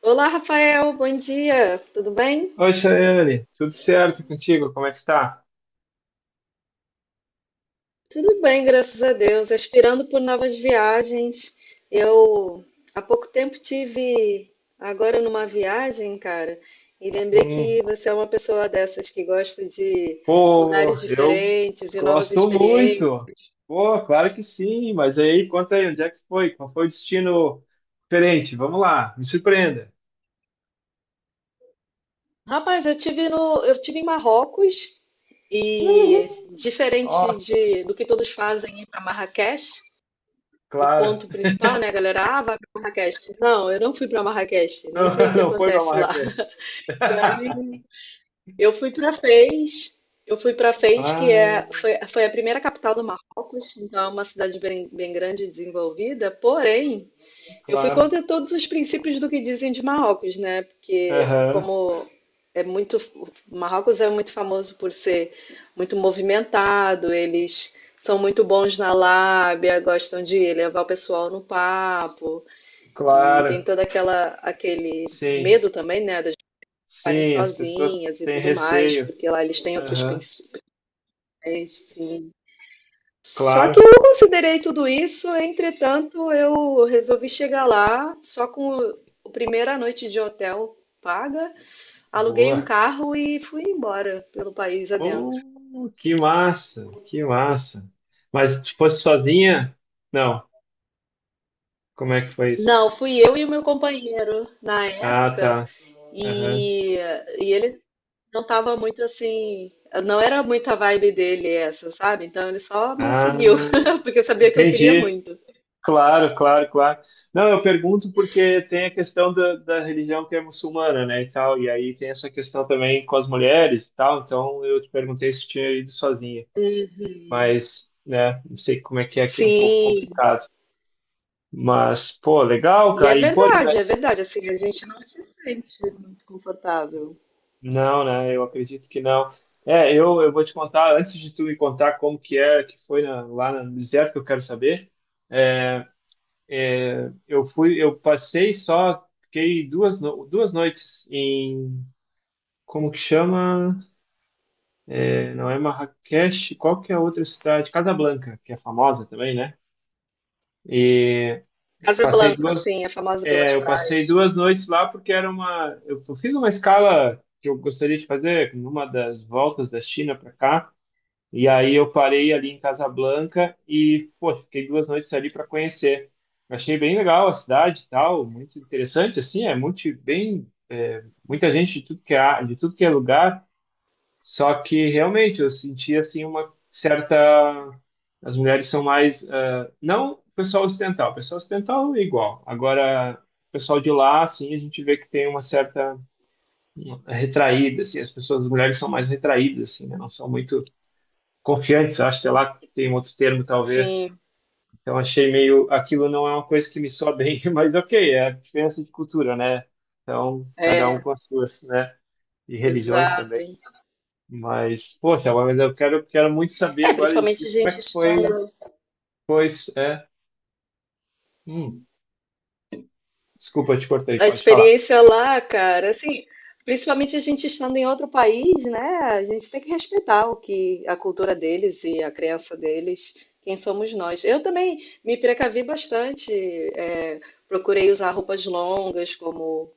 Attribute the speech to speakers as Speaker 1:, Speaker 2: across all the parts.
Speaker 1: Olá, Rafael, bom dia, tudo bem?
Speaker 2: Oi, Chayane, tudo certo contigo? Como é que está?
Speaker 1: Tudo bem, graças a Deus. Aspirando por novas viagens. Eu há pouco tempo tive agora numa viagem, cara, e lembrei
Speaker 2: Hum,
Speaker 1: que você é uma pessoa dessas que gosta de
Speaker 2: Pô,
Speaker 1: lugares
Speaker 2: eu
Speaker 1: diferentes e novas
Speaker 2: gosto
Speaker 1: experiências.
Speaker 2: muito. Pô, claro que sim, mas aí conta aí, onde é que foi? Qual foi o destino diferente? Vamos lá, me surpreenda.
Speaker 1: Rapaz, eu tive no, eu tive em Marrocos e
Speaker 2: Uhul!
Speaker 1: diferente
Speaker 2: Nossa,
Speaker 1: do que todos fazem ir para Marrakech. O
Speaker 2: claro.
Speaker 1: ponto principal, né, galera? Ah, vai para Marrakech. Não, eu não fui para Marrakech, nem
Speaker 2: Não,
Speaker 1: sei o que
Speaker 2: não foi para
Speaker 1: acontece lá.
Speaker 2: Marrakech.
Speaker 1: E aí eu fui para Fez, eu fui para Fez,
Speaker 2: Ah,
Speaker 1: foi a primeira capital do Marrocos, então é uma cidade bem grande e desenvolvida, porém eu fui
Speaker 2: claro.
Speaker 1: contra todos os princípios do que dizem de Marrocos, né? Porque
Speaker 2: Aham,
Speaker 1: é muito, Marrocos é muito famoso por ser muito movimentado, eles são muito bons na lábia, gostam de levar o pessoal no papo e tem
Speaker 2: claro.
Speaker 1: toda aquela aquele
Speaker 2: Sim,
Speaker 1: medo também, né, das pessoas ficarem
Speaker 2: sim, as pessoas
Speaker 1: sozinhas e
Speaker 2: têm
Speaker 1: tudo mais,
Speaker 2: receio.
Speaker 1: porque lá eles têm outros
Speaker 2: Aham,
Speaker 1: princípios, só que
Speaker 2: claro.
Speaker 1: eu considerei tudo isso, entretanto, eu resolvi chegar lá só com a primeira noite de hotel paga, aluguei um
Speaker 2: Boa.
Speaker 1: carro e fui embora pelo país adentro.
Speaker 2: Oh, que massa, que massa. Mas se fosse sozinha? Não. Como é que foi isso?
Speaker 1: Não, fui eu e o meu companheiro na
Speaker 2: Ah,
Speaker 1: época
Speaker 2: tá. Aham.
Speaker 1: e, e ele não estava muito assim, não era muita vibe dele essa, sabe? Então ele só me
Speaker 2: Ah,
Speaker 1: seguiu, porque sabia que eu queria
Speaker 2: entendi.
Speaker 1: muito.
Speaker 2: Claro, claro, claro. Não, eu pergunto porque tem a questão da religião que é muçulmana, né, e tal. E aí tem essa questão também com as mulheres e tal. Então eu te perguntei se tinha ido sozinha. Mas, né, não sei como é que é, que é um pouco
Speaker 1: Sim.
Speaker 2: complicado. Mas, pô, legal,
Speaker 1: E é
Speaker 2: cara. E, pô, e vai...
Speaker 1: verdade, é verdade. Assim, a gente não se sente muito confortável.
Speaker 2: Não, né? Eu acredito que não. É, eu vou te contar, antes de tu me contar como que é, que foi lá no deserto que eu quero saber, é, é, eu fui, eu passei só, fiquei duas, duas noites em, como que chama? É, não é Marrakech, qual que é a outra cidade? Casablanca, que é famosa também, né? E passei
Speaker 1: Casablanca,
Speaker 2: duas,
Speaker 1: assim, é famosa pelas
Speaker 2: eu passei
Speaker 1: praias.
Speaker 2: duas noites lá porque eu fiz uma escala que eu gostaria de fazer numa das voltas da China para cá. E aí eu parei ali em Casablanca e, pô, fiquei duas noites ali para conhecer. Achei bem legal a cidade e tal, muito interessante, assim, muita gente de tudo que é, lugar, só que realmente eu senti, assim, uma certa... As mulheres são mais, não, o pessoal ocidental, o pessoal ocidental é igual, agora... o pessoal de lá, assim, a gente vê que tem uma certa retraída, assim, as mulheres são mais retraídas, assim, né? Não são muito confiantes, acho, sei lá, tem um outro termo talvez.
Speaker 1: Sim,
Speaker 2: Então achei meio, aquilo não é uma coisa que me soa bem, mas ok, é a diferença de cultura, né? Então, cada um
Speaker 1: é,
Speaker 2: com as suas, né? E religiões
Speaker 1: exato.
Speaker 2: também. Mas, poxa, mas eu quero muito saber
Speaker 1: É,
Speaker 2: agora de ti
Speaker 1: principalmente a
Speaker 2: como é
Speaker 1: gente
Speaker 2: que foi,
Speaker 1: estando.
Speaker 2: pois, é. Hum, Desculpa, eu te cortei,
Speaker 1: A
Speaker 2: pode falar.
Speaker 1: experiência lá, cara, assim, principalmente a gente estando em outro país, né? A gente tem que respeitar o que a cultura deles e a crença deles, quem somos nós. Eu também me precavi bastante, é, procurei usar roupas longas, como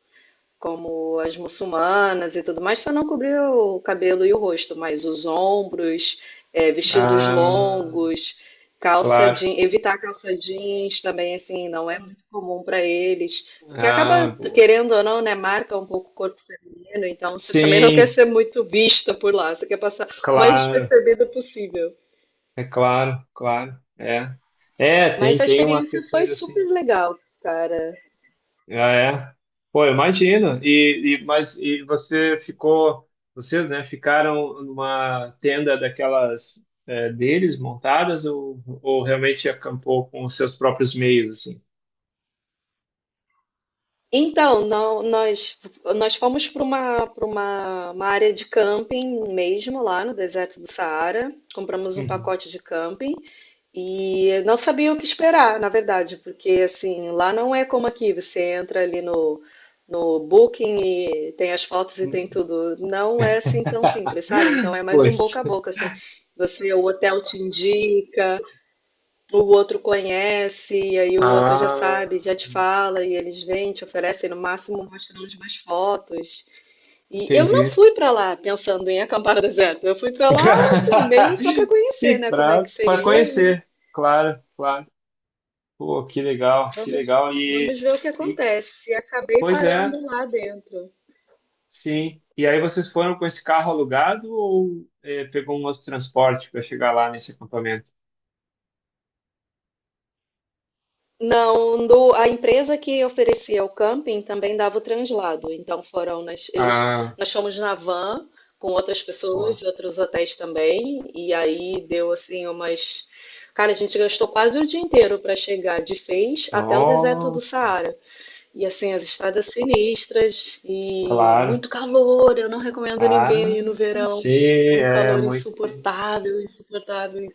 Speaker 1: como as muçulmanas e tudo mais, só não cobriu o cabelo e o rosto, mas os ombros, é, vestidos
Speaker 2: Ah,
Speaker 1: longos,
Speaker 2: claro.
Speaker 1: evitar calça jeans também, assim, não é muito comum para eles, porque acaba,
Speaker 2: Ah, boa.
Speaker 1: querendo ou não, né, marca um pouco o corpo feminino, então você também não quer
Speaker 2: Sim,
Speaker 1: ser muito vista por lá, você quer passar o mais
Speaker 2: claro,
Speaker 1: despercebido possível.
Speaker 2: é claro, claro, é. É,
Speaker 1: Mas
Speaker 2: tem,
Speaker 1: a
Speaker 2: tem umas
Speaker 1: experiência foi
Speaker 2: questões assim.
Speaker 1: super legal, cara.
Speaker 2: Ah, é? Pô, eu imagino. E mas e vocês, né, ficaram numa tenda daquelas deles montadas ou realmente acampou com os seus próprios meios, assim?
Speaker 1: Então, não- nós, nós fomos uma área de camping mesmo, lá no deserto do Saara. Compramos um
Speaker 2: Uhum.
Speaker 1: pacote de camping e não sabia o que esperar, na verdade, porque assim, lá não é como aqui, você entra ali no, no Booking e tem as fotos e tem
Speaker 2: Hum.
Speaker 1: tudo. Não é assim tão simples, sabe? Então é mais um
Speaker 2: Pois.
Speaker 1: boca a boca, assim. Você, o hotel te indica, o outro conhece, e aí o outro já
Speaker 2: Ah,
Speaker 1: sabe, já te fala, e eles vêm, te oferecem, no máximo mostram umas fotos. E eu não
Speaker 2: entendi.
Speaker 1: fui pra lá pensando em acampar no deserto. Eu fui pra lá, assim, meio só pra conhecer,
Speaker 2: Sim,
Speaker 1: né, como é que
Speaker 2: para
Speaker 1: seria, e
Speaker 2: conhecer, claro, claro. Pô, que legal, que
Speaker 1: vamos,
Speaker 2: legal.
Speaker 1: vamos
Speaker 2: E,
Speaker 1: ver o que
Speaker 2: e
Speaker 1: acontece. E acabei
Speaker 2: pois é.
Speaker 1: parando lá dentro.
Speaker 2: Sim. E aí vocês foram com esse carro alugado ou pegou um outro transporte para chegar lá nesse acampamento?
Speaker 1: Não, a empresa que oferecia o camping também dava o translado. Então foram nós, eles,
Speaker 2: Ah,
Speaker 1: nós fomos na van com outras pessoas
Speaker 2: boa.
Speaker 1: de outros hotéis também. E aí deu assim umas. Cara, a gente gastou quase o dia inteiro para chegar de Fez até o deserto do
Speaker 2: Nossa,
Speaker 1: Saara. E assim, as estradas sinistras e
Speaker 2: claro.
Speaker 1: muito calor. Eu não recomendo
Speaker 2: Ah,
Speaker 1: ninguém ir no verão,
Speaker 2: sim,
Speaker 1: porque é um calor insuportável, insuportável,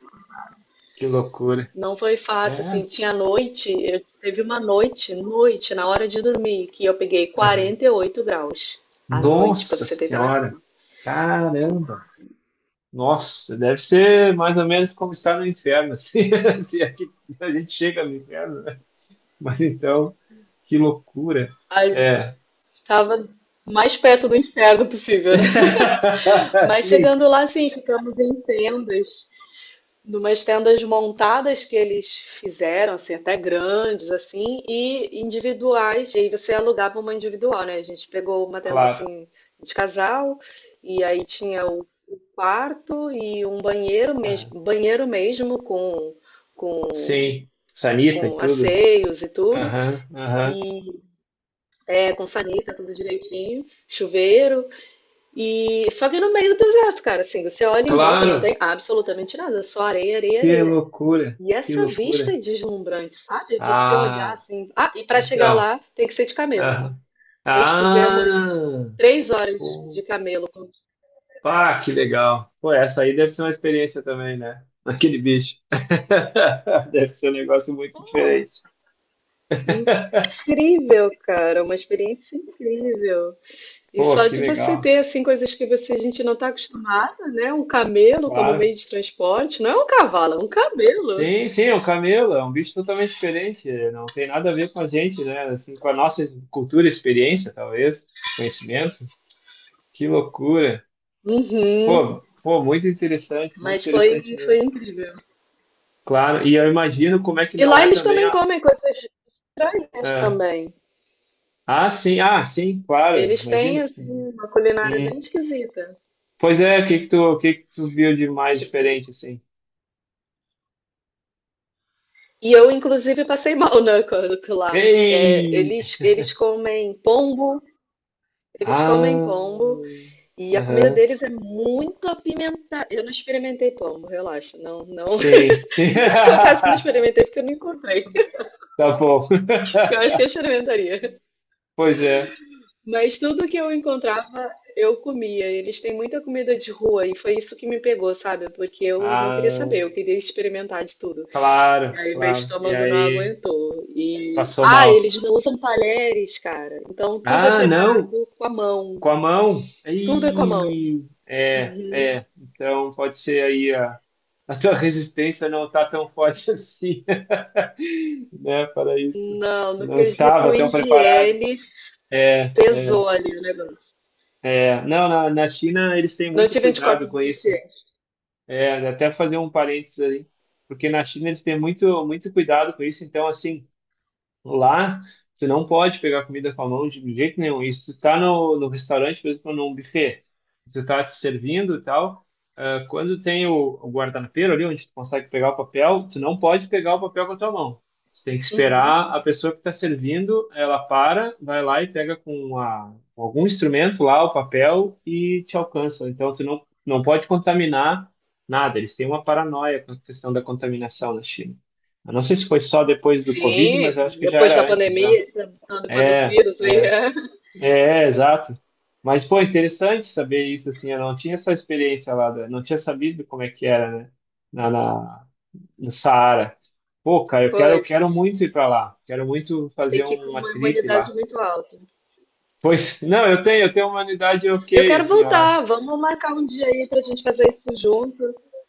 Speaker 2: que loucura.
Speaker 1: não foi fácil,
Speaker 2: É.
Speaker 1: assim, tinha noite, teve uma noite, na hora de dormir, que eu peguei
Speaker 2: Aham.
Speaker 1: 48 graus à noite pra
Speaker 2: Nossa
Speaker 1: você deitar na
Speaker 2: Senhora,
Speaker 1: cama.
Speaker 2: caramba. Nossa, deve ser mais ou menos como estar no inferno, assim, se aqui a gente chega no inferno, né? Mas então, que loucura.
Speaker 1: Mas
Speaker 2: É.
Speaker 1: estava mais perto do inferno possível, né? Mas
Speaker 2: Sim,
Speaker 1: chegando lá, sim, ficamos em tendas, numas tendas montadas que eles fizeram, assim, até grandes, assim, e individuais. E aí você alugava uma individual, né? A gente pegou uma tenda,
Speaker 2: claro.
Speaker 1: assim, de casal, e aí tinha o quarto e um banheiro
Speaker 2: Aham.
Speaker 1: mesmo, com,
Speaker 2: Sim, sanita e
Speaker 1: com
Speaker 2: tudo.
Speaker 1: asseios e tudo,
Speaker 2: Aham, aham.
Speaker 1: e é com sanita, tudo direitinho, chuveiro, e só que no meio do deserto, cara, assim, você olha em volta, não
Speaker 2: Claro,
Speaker 1: tem absolutamente nada, só areia, areia,
Speaker 2: que
Speaker 1: areia.
Speaker 2: loucura,
Speaker 1: E
Speaker 2: que
Speaker 1: essa vista é
Speaker 2: loucura.
Speaker 1: deslumbrante, sabe? Você olhar
Speaker 2: Ah,
Speaker 1: assim, ah, e para chegar
Speaker 2: então.
Speaker 1: lá tem que ser de camelo.
Speaker 2: Aham.
Speaker 1: Nós fizemos
Speaker 2: Ah,
Speaker 1: 3 horas
Speaker 2: opa,
Speaker 1: de camelo.
Speaker 2: que legal. Pô, essa aí deve ser uma experiência também, né? Aquele bicho. Deve ser um negócio muito diferente.
Speaker 1: Incrível, cara, uma experiência incrível. E
Speaker 2: Pô,
Speaker 1: só
Speaker 2: que
Speaker 1: de você
Speaker 2: legal.
Speaker 1: ter assim coisas que você, a gente não está acostumada, né? Um camelo como
Speaker 2: Claro.
Speaker 1: meio de transporte, não é um cavalo, é um camelo.
Speaker 2: Sim, sim, o camelo é um bicho totalmente diferente, não tem nada a ver com a gente, né? Assim, com a nossa cultura, experiência, talvez, conhecimento. Que loucura.
Speaker 1: Uhum.
Speaker 2: Pô, pô, muito
Speaker 1: Mas
Speaker 2: interessante
Speaker 1: foi
Speaker 2: mesmo.
Speaker 1: incrível.
Speaker 2: Claro, e eu imagino como é que
Speaker 1: E
Speaker 2: não
Speaker 1: lá
Speaker 2: é
Speaker 1: eles
Speaker 2: também
Speaker 1: também comem coisas estranhas
Speaker 2: a-
Speaker 1: também.
Speaker 2: Ah, sim, ah, sim, claro,
Speaker 1: Eles têm
Speaker 2: imagina.
Speaker 1: assim uma culinária bem
Speaker 2: Hum.
Speaker 1: esquisita.
Speaker 2: Pois é, o que que tu viu de mais
Speaker 1: Tipo,
Speaker 2: diferente, assim?
Speaker 1: e eu inclusive passei mal, né, lá. É,
Speaker 2: Ei!
Speaker 1: eles comem pombo, eles comem
Speaker 2: Ah,
Speaker 1: pombo e a comida
Speaker 2: aham,
Speaker 1: deles é muito apimentada. Eu não experimentei pombo, relaxa, não
Speaker 2: sim, sim.
Speaker 1: eu te confesso que não experimentei porque eu não encontrei.
Speaker 2: Tá bom.
Speaker 1: Eu acho que eu experimentaria.
Speaker 2: Pois é.
Speaker 1: Mas tudo que eu encontrava, eu comia. Eles têm muita comida de rua e foi isso que me pegou, sabe? Porque eu não queria saber,
Speaker 2: Ah,
Speaker 1: eu queria experimentar de tudo. E
Speaker 2: claro,
Speaker 1: aí meu
Speaker 2: claro. E
Speaker 1: estômago não
Speaker 2: aí
Speaker 1: aguentou. E
Speaker 2: passou
Speaker 1: ah,
Speaker 2: mal.
Speaker 1: eles não usam talheres, cara. Então tudo é
Speaker 2: Ah, não,
Speaker 1: preparado com a mão.
Speaker 2: com a mão.
Speaker 1: Tudo é com a mão.
Speaker 2: Ih, é,
Speaker 1: Uhum.
Speaker 2: é. Então pode ser aí a tua resistência não está tão forte assim, né, para isso.
Speaker 1: Não, no
Speaker 2: Não
Speaker 1: quesito
Speaker 2: estava tão preparado.
Speaker 1: higiene,
Speaker 2: É,
Speaker 1: pesou ali o negócio.
Speaker 2: é. Não, na China eles têm
Speaker 1: Não
Speaker 2: muito
Speaker 1: tive
Speaker 2: cuidado
Speaker 1: anticorpos o
Speaker 2: com isso.
Speaker 1: suficiente.
Speaker 2: É, até fazer um parênteses aí, porque na China eles têm muito, muito cuidado com isso. Então, assim, lá, tu não pode pegar comida com a mão de jeito nenhum. E se tu tá no restaurante, por exemplo, num buffet, tu tá te servindo e tal, quando tem o guardanapeiro ali, onde tu consegue pegar o papel, tu não pode pegar o papel com a tua mão. Tu tem que
Speaker 1: Uhum.
Speaker 2: esperar a pessoa que está servindo, ela para, vai lá e pega com algum instrumento lá o papel e te alcança. Então, tu não pode contaminar nada. Eles têm uma paranoia com a questão da contaminação na China. Eu não sei se foi só depois do COVID, mas eu
Speaker 1: Sim,
Speaker 2: acho que já
Speaker 1: depois da
Speaker 2: era antes já.
Speaker 1: pandemia, não, depois do
Speaker 2: É,
Speaker 1: vírus aí,
Speaker 2: é,
Speaker 1: é.
Speaker 2: é, é, exato. Mas, pô, interessante saber isso, assim, eu não tinha essa experiência lá, não tinha sabido como é que era, né, na, na, no Saara. Pô, cara, eu quero, eu
Speaker 1: Pois,
Speaker 2: quero muito ir pra lá, quero muito
Speaker 1: tem
Speaker 2: fazer
Speaker 1: que ir com
Speaker 2: uma
Speaker 1: uma
Speaker 2: trip
Speaker 1: imunidade
Speaker 2: lá.
Speaker 1: muito alta.
Speaker 2: Pois, não, eu tenho uma unidade
Speaker 1: Eu
Speaker 2: ok,
Speaker 1: quero
Speaker 2: assim, eu acho.
Speaker 1: voltar, vamos marcar um dia aí pra gente fazer isso junto.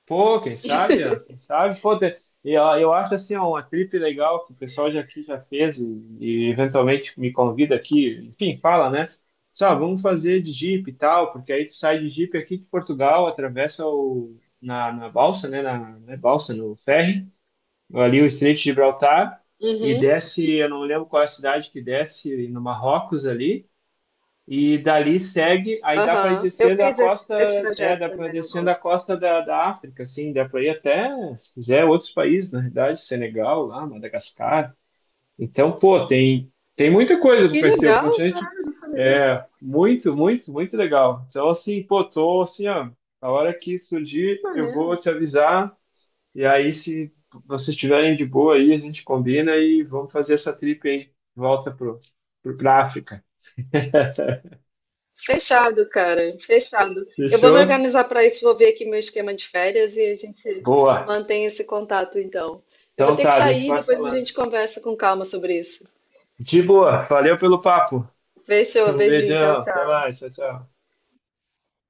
Speaker 2: Pô, quem sabe, Ana, quem sabe, pô, e, ó, eu acho assim, ó, uma trip legal que o pessoal já aqui já fez e eventualmente me convida aqui, enfim, fala, né? Só, vamos fazer de Jeep e tal, porque aí tu sai de Jeep aqui de Portugal, atravessa na balsa, né, na balsa, no ferry, ali o Estreito de Gibraltar, e
Speaker 1: Uhum,
Speaker 2: desce, eu não lembro qual é a cidade que desce, no Marrocos ali, e dali segue, aí dá para ir
Speaker 1: aham. Eu
Speaker 2: descendo a
Speaker 1: fiz
Speaker 2: costa,
Speaker 1: esse projeto
Speaker 2: dá para
Speaker 1: também na
Speaker 2: descendo a
Speaker 1: volta.
Speaker 2: costa da África, assim, dá para ir até, se quiser, outros países, na verdade, Senegal, lá, Madagascar. Então, pô, tem muita coisa para
Speaker 1: Que
Speaker 2: conhecer, o
Speaker 1: legal,
Speaker 2: continente
Speaker 1: caralho, não falei.
Speaker 2: é muito, muito, muito legal. Então, assim, pô, tô assim, ó, a hora que
Speaker 1: Que
Speaker 2: surgir, eu
Speaker 1: maneiro.
Speaker 2: vou te avisar, e aí, se vocês estiverem de boa aí, a gente combina e vamos fazer essa trip aí, de volta pra África.
Speaker 1: Fechado, cara, fechado. Eu vou me
Speaker 2: Fechou?
Speaker 1: organizar para isso, vou ver aqui meu esquema de férias e a gente
Speaker 2: Boa.
Speaker 1: mantém esse contato então. Eu vou
Speaker 2: Então
Speaker 1: ter
Speaker 2: tá,
Speaker 1: que
Speaker 2: a gente
Speaker 1: sair,
Speaker 2: vai
Speaker 1: depois a
Speaker 2: falando.
Speaker 1: gente conversa com calma sobre isso.
Speaker 2: De boa. Valeu pelo papo.
Speaker 1: Fechou,
Speaker 2: Um
Speaker 1: beijinho, tchau,
Speaker 2: beijão. Até
Speaker 1: tchau.
Speaker 2: mais. Tchau, tchau.